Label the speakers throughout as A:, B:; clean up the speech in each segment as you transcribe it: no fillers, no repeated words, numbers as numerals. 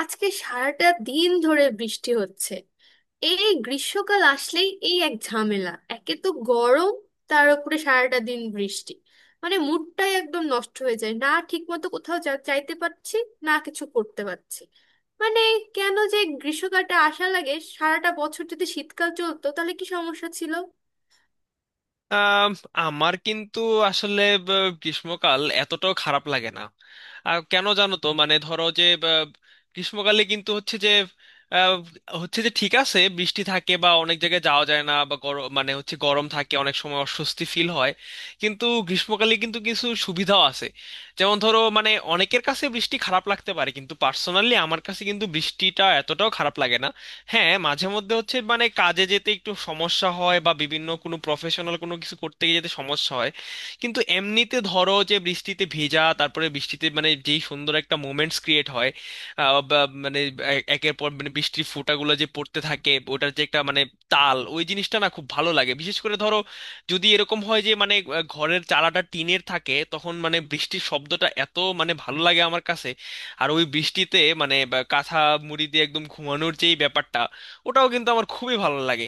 A: আজকে সারাটা দিন ধরে বৃষ্টি হচ্ছে। এই গ্রীষ্মকাল আসলেই এই এক ঝামেলা, একে তো গরম, তার উপরে সারাটা দিন বৃষ্টি। মানে মুডটাই একদম নষ্ট হয়ে যায়, না ঠিকমতো কোথাও যাইতে পারছি, না কিছু করতে পারছি। মানে কেন যে গ্রীষ্মকালটা আসা লাগে, সারাটা বছর যদি শীতকাল চলতো তাহলে কি সমস্যা ছিল?
B: আম, আমার কিন্তু আসলে ব- গ্রীষ্মকাল এতটাও খারাপ লাগে না। আর কেন জানো তো? মানে ধরো যে গ্রীষ্মকালে কিন্তু আহ, হচ্ছে যে ঠিক আছে, বৃষ্টি থাকে বা অনেক জায়গায় যাওয়া যায় না, বা গরম মানে হচ্ছে গরম থাকে, অনেক সময় অস্বস্তি ফিল হয়। কিন্তু গ্রীষ্মকালে কিন্তু কিছু সুবিধাও আছে। যেমন ধরো, মানে অনেকের কাছে বৃষ্টি খারাপ লাগতে পারে, কিন্তু পার্সোনালি আমার কাছে কিন্তু বৃষ্টিটা এতটাও খারাপ লাগে না। হ্যাঁ, মাঝে মধ্যে হচ্ছে মানে কাজে যেতে একটু সমস্যা হয়, বা বিভিন্ন কোনো প্রফেশনাল কোনো কিছু করতে গিয়ে যেতে সমস্যা হয়। কিন্তু এমনিতে ধরো যে বৃষ্টিতে ভেজা, তারপরে বৃষ্টিতে মানে যেই সুন্দর একটা মোমেন্টস ক্রিয়েট হয়, বা মানে একের পর মানে বৃষ্টির ফোঁটাগুলো যে পড়তে থাকে, ওটার যে একটা মানে তাল, ওই জিনিসটা না খুব ভালো লাগে। বিশেষ করে ধরো, যদি এরকম হয় যে মানে ঘরের চালাটা টিনের থাকে, তখন মানে বৃষ্টির শব্দটা এত মানে ভালো লাগে আমার কাছে। আর ওই বৃষ্টিতে মানে বা কাঁথা মুড়ি দিয়ে একদম ঘুমানোর যেই ব্যাপারটা, ওটাও কিন্তু আমার খুবই ভালো লাগে।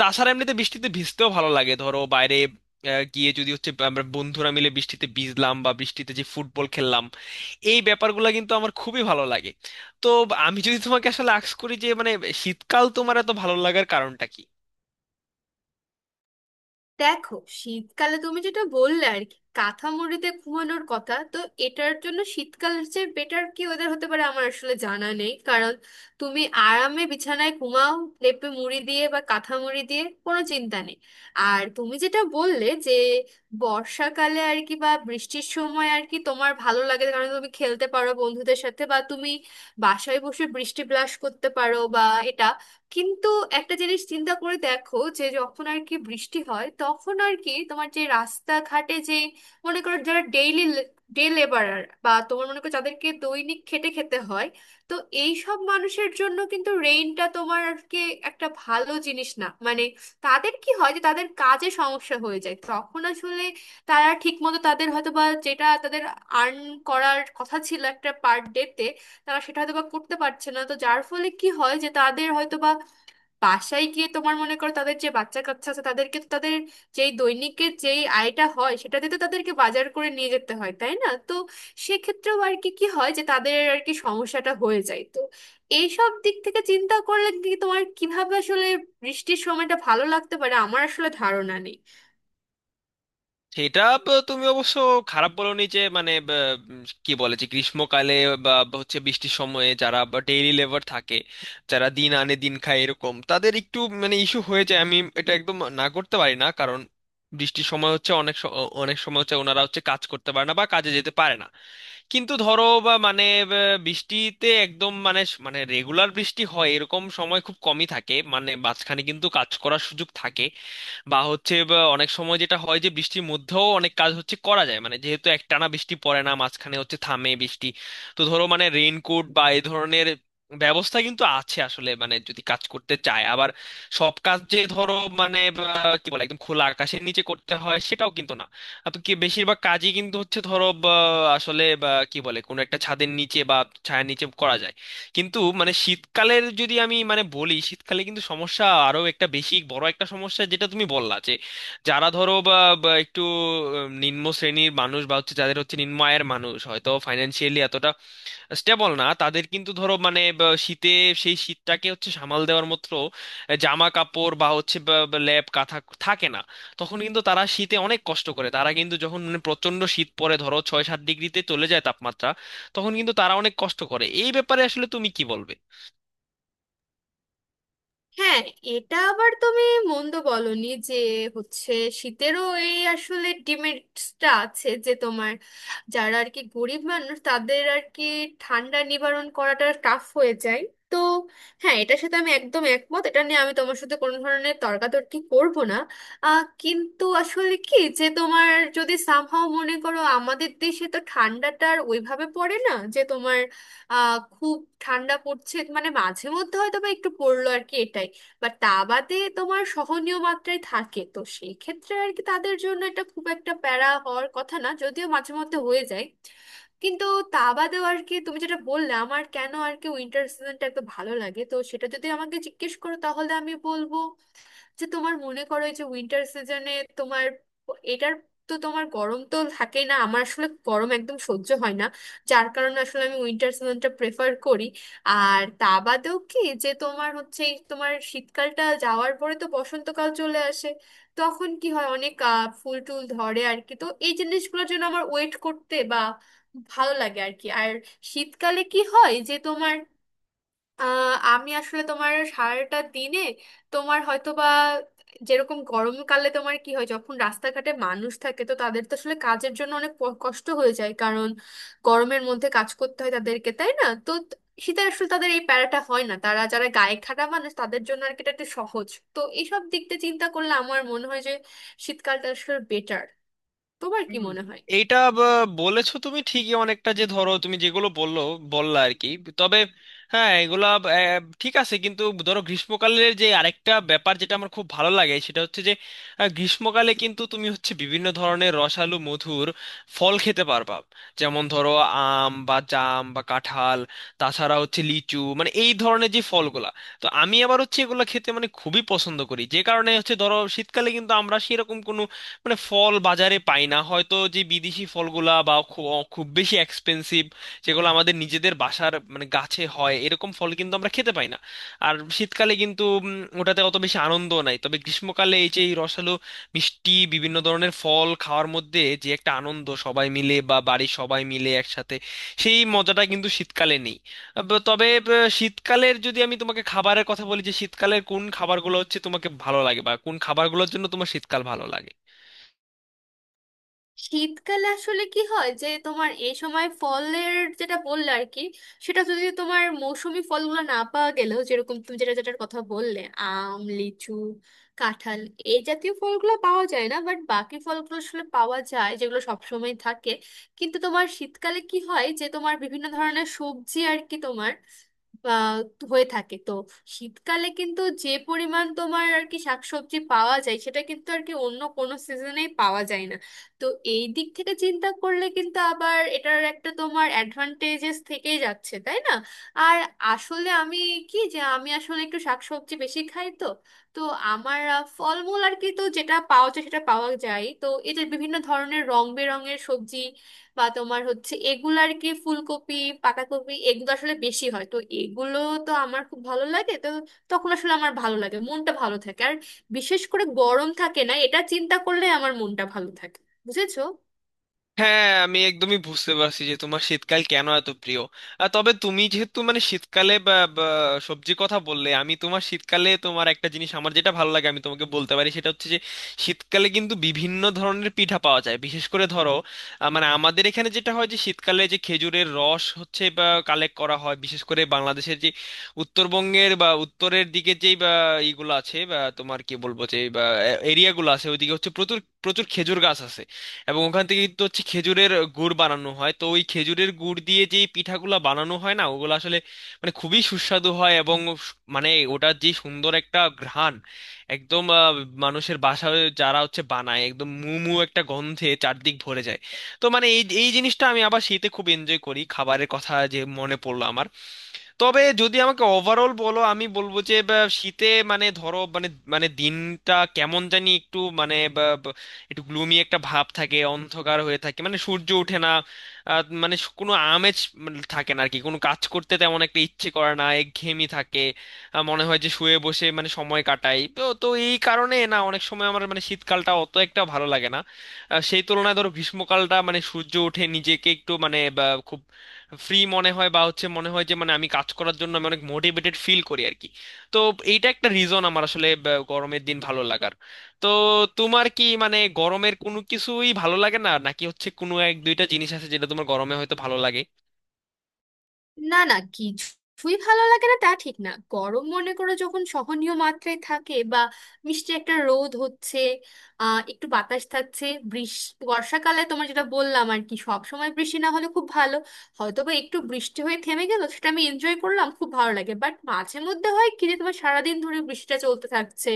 B: তাছাড়া এমনিতে বৃষ্টিতে ভিজতেও ভালো লাগে। ধরো বাইরে গিয়ে যদি হচ্ছে আমরা বন্ধুরা মিলে বৃষ্টিতে ভিজলাম, বা বৃষ্টিতে যে ফুটবল খেললাম, এই ব্যাপারগুলো কিন্তু আমার খুবই ভালো লাগে। তো আমি যদি তোমাকে আসলে আস্ক করি, যে মানে শীতকাল তোমার এত ভালো লাগার কারণটা কি?
A: দেখো, শীতকালে তুমি যেটা বললে আর কি কাঁথা মুড়িতে ঘুমানোর কথা, তো এটার জন্য শীতকালের চেয়ে বেটার কি ওয়েদার হতে পারে আমার আসলে জানা নেই। কারণ তুমি আরামে বিছানায় ঘুমাও, লেপে মুড়ি দিয়ে বা কাঁথা মুড়ি দিয়ে, কোনো চিন্তা নেই। আর তুমি যেটা বললে যে বর্ষাকালে আর কি, বা বৃষ্টির সময় আর কি, তোমার ভালো লাগে, কারণ তুমি খেলতে পারো বন্ধুদের সাথে, বা তুমি বাসায় বসে বৃষ্টি ব্লাশ করতে পারো, বা এটা। কিন্তু একটা জিনিস চিন্তা করে দেখো, যে যখন আর কি বৃষ্টি হয়, তখন আর কি তোমার যে রাস্তাঘাটে যে, মনে করো যারা ডেইলি ডে লেবারার, বা তোমার মনে করো যাদেরকে দৈনিক খেটে খেতে হয়, তো এই সব মানুষের জন্য কিন্তু রেইনটা তোমার আর কি একটা ভালো জিনিস না। মানে তাদের কি হয়, যে তাদের কাজে সমস্যা হয়ে যায় তখন। আসলে তারা ঠিকমতো তাদের হয়তো বা যেটা তাদের আর্ন করার কথা ছিল একটা পার ডে তে, তারা সেটা হয়তো বা করতে পারছে না। তো যার ফলে কি হয়, যে তাদের হয়তো বা বাসায় গিয়ে, তোমার মনে করো তাদের যে বাচ্চা কাচ্চা আছে তাদেরকে তো, তাদের যেই দৈনিকের যেই আয়টা হয় সেটা দিয়ে তো তাদেরকে বাজার করে নিয়ে যেতে হয়, তাই না? তো সেক্ষেত্রেও আর কি কি হয়, যে তাদের আর কি সমস্যাটা হয়ে যায়। তো এইসব দিক থেকে চিন্তা করলে কি তোমার কিভাবে আসলে বৃষ্টির সময়টা ভালো লাগতে পারে আমার আসলে ধারণা নেই।
B: সেটা তুমি অবশ্য খারাপ বলনি। যে মানে কি বলে, যে গ্রীষ্মকালে বা বা হচ্ছে বৃষ্টির সময়ে যারা ডেইলি লেবার থাকে, যারা দিন আনে দিন খায় এরকম তাদের একটু মানে ইস্যু হয়ে যায়। আমি এটা একদম না করতে পারি না, কারণ বৃষ্টির সময় হচ্ছে অনেক সময় হচ্ছে ওনারা হচ্ছে কাজ করতে পারে না বা কাজে যেতে পারে না। কিন্তু ধরো বা মানে বৃষ্টিতে একদম মানে মানে রেগুলার বৃষ্টি হয় এরকম সময় খুব কমই থাকে, মানে মাঝখানে কিন্তু কাজ করার সুযোগ থাকে। বা হচ্ছে বা অনেক সময় যেটা হয় যে বৃষ্টির মধ্যেও অনেক কাজ হচ্ছে করা যায়, মানে যেহেতু একটানা বৃষ্টি পড়ে না, মাঝখানে হচ্ছে থামে বৃষ্টি। তো ধরো মানে রেইনকোট বা এই ধরনের ব্যবস্থা কিন্তু আছে আসলে, মানে যদি কাজ করতে চায়। আবার সব কাজ যে ধরো মানে কি বলে একদম খোলা আকাশের নিচে করতে হয় সেটাও কিন্তু না। তো কি বেশিরভাগ কাজই কিন্তু হচ্ছে ধরো আসলে কি বলে কোনো একটা ছাদের নিচে বা ছায়ার নিচে করা যায়। কিন্তু মানে শীতকালের যদি আমি মানে বলি, শীতকালে কিন্তু সমস্যা আরো একটা, বেশি বড় একটা সমস্যা, যেটা তুমি বললা যে যারা ধরো বা বা একটু নিম্ন শ্রেণীর মানুষ বা হচ্ছে যাদের হচ্ছে নিম্ন আয়ের মানুষ, হয়তো ফাইন্যান্সিয়ালি এতটা স্টেবল না, তাদের কিন্তু ধরো মানে শীতে সেই শীতটাকে হচ্ছে সামাল দেওয়ার মতো জামা কাপড় বা হচ্ছে ল্যাপ কাঁথা থাকে না। তখন কিন্তু তারা শীতে অনেক কষ্ট করে। তারা কিন্তু যখন মানে প্রচণ্ড শীত পড়ে, ধরো 6-7 ডিগ্রিতে চলে যায় তাপমাত্রা, তখন কিন্তু তারা অনেক কষ্ট করে। এই ব্যাপারে আসলে তুমি কি বলবে?
A: হ্যাঁ, এটা আবার তুমি মন্দ বলনি যে হচ্ছে শীতেরও এই আসলে ডিমেরিটসটা আছে, যে তোমার যারা আর কি গরিব মানুষ, তাদের আর কি ঠান্ডা নিবারণ করাটা টাফ হয়ে যায়। তো হ্যাঁ, এটার সাথে আমি একদম একমত, এটা নিয়ে আমি তোমার সাথে কোনো ধরনের তর্কাতর্কি করব না। কিন্তু আসলে কি, যে তোমার যদি সামহাও মনে করো আমাদের দেশে তো ঠান্ডাটা আর ওইভাবে পড়ে না, যে তোমার খুব ঠান্ডা পড়ছে, মানে মাঝে মধ্যে হয়তো বা একটু পড়লো আর কি, এটাই। বাট তা বাদে তোমার সহনীয় মাত্রায় থাকে, তো সেই ক্ষেত্রে আর কি তাদের জন্য এটা খুব একটা প্যারা হওয়ার কথা না, যদিও মাঝে মধ্যে হয়ে যায়। কিন্তু তা বাদেও আর কি তুমি যেটা বললে আমার কেন আর কি উইন্টার সিজনটা এত ভালো লাগে, তো সেটা যদি আমাকে জিজ্ঞেস করো তাহলে আমি বলবো যে, তোমার মনে করো এই যে উইন্টার সিজনে তোমার এটার, তো তোমার গরম তো থাকেই না, আমার আসলে গরম একদম সহ্য হয় না। যার কারণে আসলে আমি উইন্টার সিজনটা প্রেফার করি। আর তা বাদেও কি যে তোমার হচ্ছে এই তোমার শীতকালটা যাওয়ার পরে তো বসন্তকাল চলে আসে, তখন কি হয় অনেক ফুল টুল ধরে আর কি, তো এই জিনিসগুলোর জন্য আমার ওয়েট করতে বা ভালো লাগে আর কি। আর শীতকালে কি হয় যে তোমার, আমি আসলে তোমার সারাটা দিনে তোমার হয়তো বা, যেরকম গরমকালে তোমার কি হয় যখন রাস্তাঘাটে মানুষ থাকে, তো তাদের তো আসলে কাজের জন্য অনেক কষ্ট হয়ে যায়, কারণ গরমের মধ্যে কাজ করতে হয় তাদেরকে, তাই না? তো শীতে আসলে তাদের এই প্যারাটা হয় না, তারা যারা গায়ে খাটা মানুষ তাদের জন্য আর কি এটা একটু সহজ। তো এইসব দিক দিয়ে চিন্তা করলে আমার মনে হয় যে শীতকালটা আসলে বেটার। তোমার কি
B: হুম।
A: মনে হয়?
B: এইটা বলেছো তুমি ঠিকই অনেকটা, যে ধরো তুমি যেগুলো বললা আর কি। তবে হ্যাঁ, এগুলা ঠিক আছে কিন্তু ধরো গ্রীষ্মকালের যে আরেকটা ব্যাপার যেটা আমার খুব ভালো লাগে, সেটা হচ্ছে যে গ্রীষ্মকালে কিন্তু তুমি হচ্ছে বিভিন্ন ধরনের রসালো মধুর ফল খেতে পারবা। যেমন ধরো আম বা জাম বা কাঁঠাল, তাছাড়া হচ্ছে লিচু মানে এই ধরনের যে ফলগুলা। তো আমি আবার হচ্ছে এগুলো খেতে মানে খুবই পছন্দ করি। যে কারণে হচ্ছে ধরো শীতকালে কিন্তু আমরা সেরকম কোনো মানে ফল বাজারে পাই না হয়তো, যে বিদেশি ফলগুলা বা খুব খুব বেশি এক্সপেন্সিভ, যেগুলো আমাদের নিজেদের বাসার মানে গাছে হয় এরকম ফল কিন্তু আমরা খেতে পাই না। আর শীতকালে কিন্তু ওটাতে অত বেশি আনন্দ নাই। তবে গ্রীষ্মকালে এই যে এই রসালো মিষ্টি বিভিন্ন ধরনের ফল খাওয়ার মধ্যে যে একটা আনন্দ, সবাই মিলে বা বাড়ির সবাই মিলে একসাথে, সেই মজাটা কিন্তু শীতকালে নেই। তবে শীতকালের যদি আমি তোমাকে খাবারের কথা বলি, যে শীতকালের কোন খাবারগুলো হচ্ছে তোমাকে ভালো লাগে, বা কোন খাবারগুলোর জন্য তোমার শীতকাল ভালো লাগে?
A: শীতকালে আসলে কি হয় যে তোমার এই সময় ফলের, যেটা বললে আর কি, সেটা যদি তোমার মৌসুমী ফলগুলো না পাওয়া গেলেও, যেরকম তুমি যেটা যেটার কথা বললে আম, লিচু, কাঁঠাল, এই জাতীয় ফলগুলো পাওয়া যায় না, বাট বাকি ফলগুলো আসলে পাওয়া যায় যেগুলো সবসময় থাকে। কিন্তু তোমার শীতকালে কি হয়, যে তোমার বিভিন্ন ধরনের সবজি আর কি তোমার আহ হয়ে থাকে। তো শীতকালে কিন্তু যে পরিমাণ তোমার আর কি শাকসবজি পাওয়া যায়, সেটা কিন্তু আর কি অন্য কোনো সিজনেই পাওয়া যায় না। তো এই দিক থেকে চিন্তা করলে কিন্তু আবার এটার একটা তোমার অ্যাডভান্টেজেস থেকেই যাচ্ছে, তাই না? আর আসলে আমি, কি যে আমি আসলে একটু শাকসবজি বেশি খাই, তো তো আমার ফলমূল আর কি, তো যেটা পাওয়া যায় সেটা পাওয়া যায়, তো এদের বিভিন্ন ধরনের রং বেরঙের সবজি বা তোমার হচ্ছে এগুলো আর কি ফুলকপি, পাতাকপি, এগুলো আসলে বেশি হয়, তো এগুলো তো আমার খুব ভালো লাগে। তো তখন আসলে আমার ভালো লাগে, মনটা ভালো থাকে। আর বিশেষ করে গরম থাকে না, এটা চিন্তা করলে আমার মনটা ভালো থাকে। বুঝেছো?
B: হ্যাঁ, আমি একদমই বুঝতে পারছি যে তোমার শীতকাল কেন এত প্রিয়। তবে তুমি যেহেতু মানে শীতকালে বা সবজির কথা বললে, আমি তোমার শীতকালে তোমার একটা জিনিস আমার যেটা ভালো লাগে আমি তোমাকে বলতে পারি। সেটা হচ্ছে যে শীতকালে কিন্তু বিভিন্ন ধরনের পিঠা পাওয়া যায়। বিশেষ করে ধরো মানে আমাদের এখানে যেটা হয় যে শীতকালে যে খেজুরের রস হচ্ছে বা কালেক্ট করা হয়, বিশেষ করে বাংলাদেশের যে উত্তরবঙ্গের বা উত্তরের দিকে, যেই বা এইগুলো আছে, বা তোমার কি বলবো যে বা এরিয়াগুলো আছে, ওইদিকে হচ্ছে প্রচুর প্রচুর খেজুর গাছ আছে। এবং ওখান থেকে কিন্তু হচ্ছে খেজুরের গুড় বানানো হয়। তো ওই খেজুরের গুড় দিয়ে যেই পিঠাগুলো বানানো হয় না, ওগুলো আসলে মানে খুবই সুস্বাদু হয়। এবং মানে ওটার যে সুন্দর একটা ঘ্রাণ একদম মানুষের বাসায় যারা হচ্ছে বানায়, একদম মু মু একটা গন্ধে চারদিক ভরে যায়। তো মানে এই এই জিনিসটা আমি আবার শীতে খুব এনজয় করি, খাবারের কথা যে মনে পড়লো আমার। তবে যদি আমাকে ওভারঅল বলো, আমি বলবো যে শীতে মানে ধরো মানে মানে দিনটা কেমন জানি একটু মানে বা, বা, একটু গ্লুমি একটা ভাব থাকে, অন্ধকার হয়ে থাকে, মানে সূর্য ওঠে না। মানে কোনো আমেজ মানে থাকে না আর কি, কোনো কাজ করতে তেমন একটা ইচ্ছে করে না, একঘেয়েমি থাকে। মনে হয় যে শুয়ে বসে মানে সময় কাটাই। তো তো এই কারণে না অনেক সময় আমার মানে শীতকালটা অত একটা ভালো লাগে না। সেই তুলনায় ধরো গ্রীষ্মকালটা মানে সূর্য ওঠে, নিজেকে একটু মানে খুব ফ্রি মনে হয়, বা হচ্ছে মনে হয় যে মানে আমি কাজ করার জন্য আমি অনেক মোটিভেটেড ফিল করি আর কি। তো এইটা একটা রিজন আমার আসলে গরমের দিন ভালো লাগার। তো তোমার কি মানে গরমের কোনো কিছুই ভালো লাগে না, নাকি হচ্ছে কোনো এক দুইটা জিনিস আছে যেটা তোমার গরমে হয়তো ভালো লাগে?
A: না না, কিছুই ভালো লাগে না তা ঠিক না। গরম মনে করো যখন সহনীয় মাত্রায় থাকে, বা মিষ্টি একটা রোদ হচ্ছে, একটু বাতাস থাকছে, বৃষ্টি বর্ষাকালে তোমার যেটা বললাম আর কি সব সময় বৃষ্টি না হলে খুব ভালো, হয়তো বা একটু বৃষ্টি হয়ে থেমে গেল সেটা আমি এনজয় করলাম, খুব ভালো লাগে। বাট মাঝে মধ্যে হয় কি, যে তোমার সারাদিন ধরে বৃষ্টিটা চলতে থাকছে,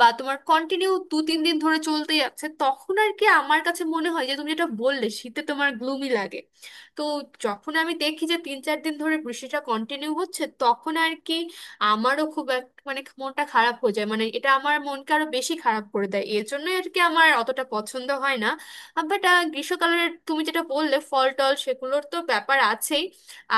A: বা তোমার কন্টিনিউ 2-3 দিন ধরে চলতে যাচ্ছে, তখন আর কি আমার কাছে মনে হয় যে তুমি যেটা বললে শীতে তোমার গ্লুমি লাগে, তো যখন আমি দেখি যে 3-4 দিন ধরে বৃষ্টিটা কন্টিনিউ হচ্ছে, তখন আর কি আমারও খুব মানে মনটা খারাপ হয়ে যায়, মানে এটা আমার মনকে আরো বেশি খারাপ করে দেয়, এর জন্য আর কি আমার অতটা পছন্দ হয় না। বাট গ্রীষ্মকালের তুমি যেটা বললে ফল টল সেগুলোর তো ব্যাপার আছেই।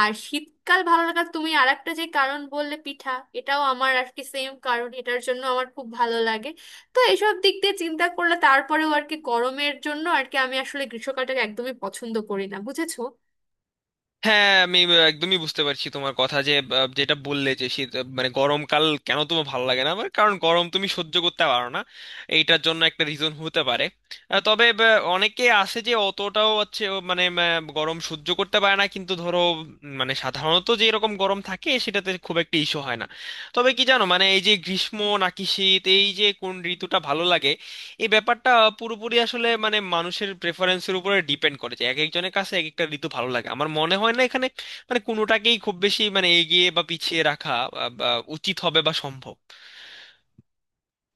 A: আর শীতকাল ভালো লাগার তুমি আর একটা যে কারণ বললে পিঠা, এটাও আমার আর কি সেম কারণ, এটার জন্য আমার খুব ভালো লাগে। তো এসব দিক দিয়ে চিন্তা করলে তারপরেও আর কি গরমের জন্য আর কি আমি আসলে গ্রীষ্মকালটাকে একদমই পছন্দ করি না, বুঝেছো?
B: হ্যাঁ, আমি একদমই বুঝতে পারছি তোমার কথা। যে যেটা বললে, যে শীত মানে গরমকাল কেন তোমার ভালো লাগে না, আমার কারণ গরম তুমি সহ্য করতে পারো না। এইটার জন্য একটা রিজন হতে পারে। তবে অনেকে আছে যে অতটাও হচ্ছে ও মানে গরম সহ্য করতে পারে না, কিন্তু ধরো মানে সাধারণত যে এরকম গরম থাকে সেটাতে খুব একটা ইস্যু হয় না। তবে কি জানো, মানে এই যে গ্রীষ্ম নাকি শীত, এই যে কোন ঋতুটা ভালো লাগে, এই ব্যাপারটা পুরোপুরি আসলে মানে মানুষের প্রেফারেন্সের উপরে ডিপেন্ড করে, যে এক একজনের কাছে এক একটা ঋতু ভালো লাগে। আমার মনে হয় না এখানে মানে কোনোটাকেই খুব বেশি মানে এগিয়ে বা পিছিয়ে রাখা বা উচিত হবে বা সম্ভব।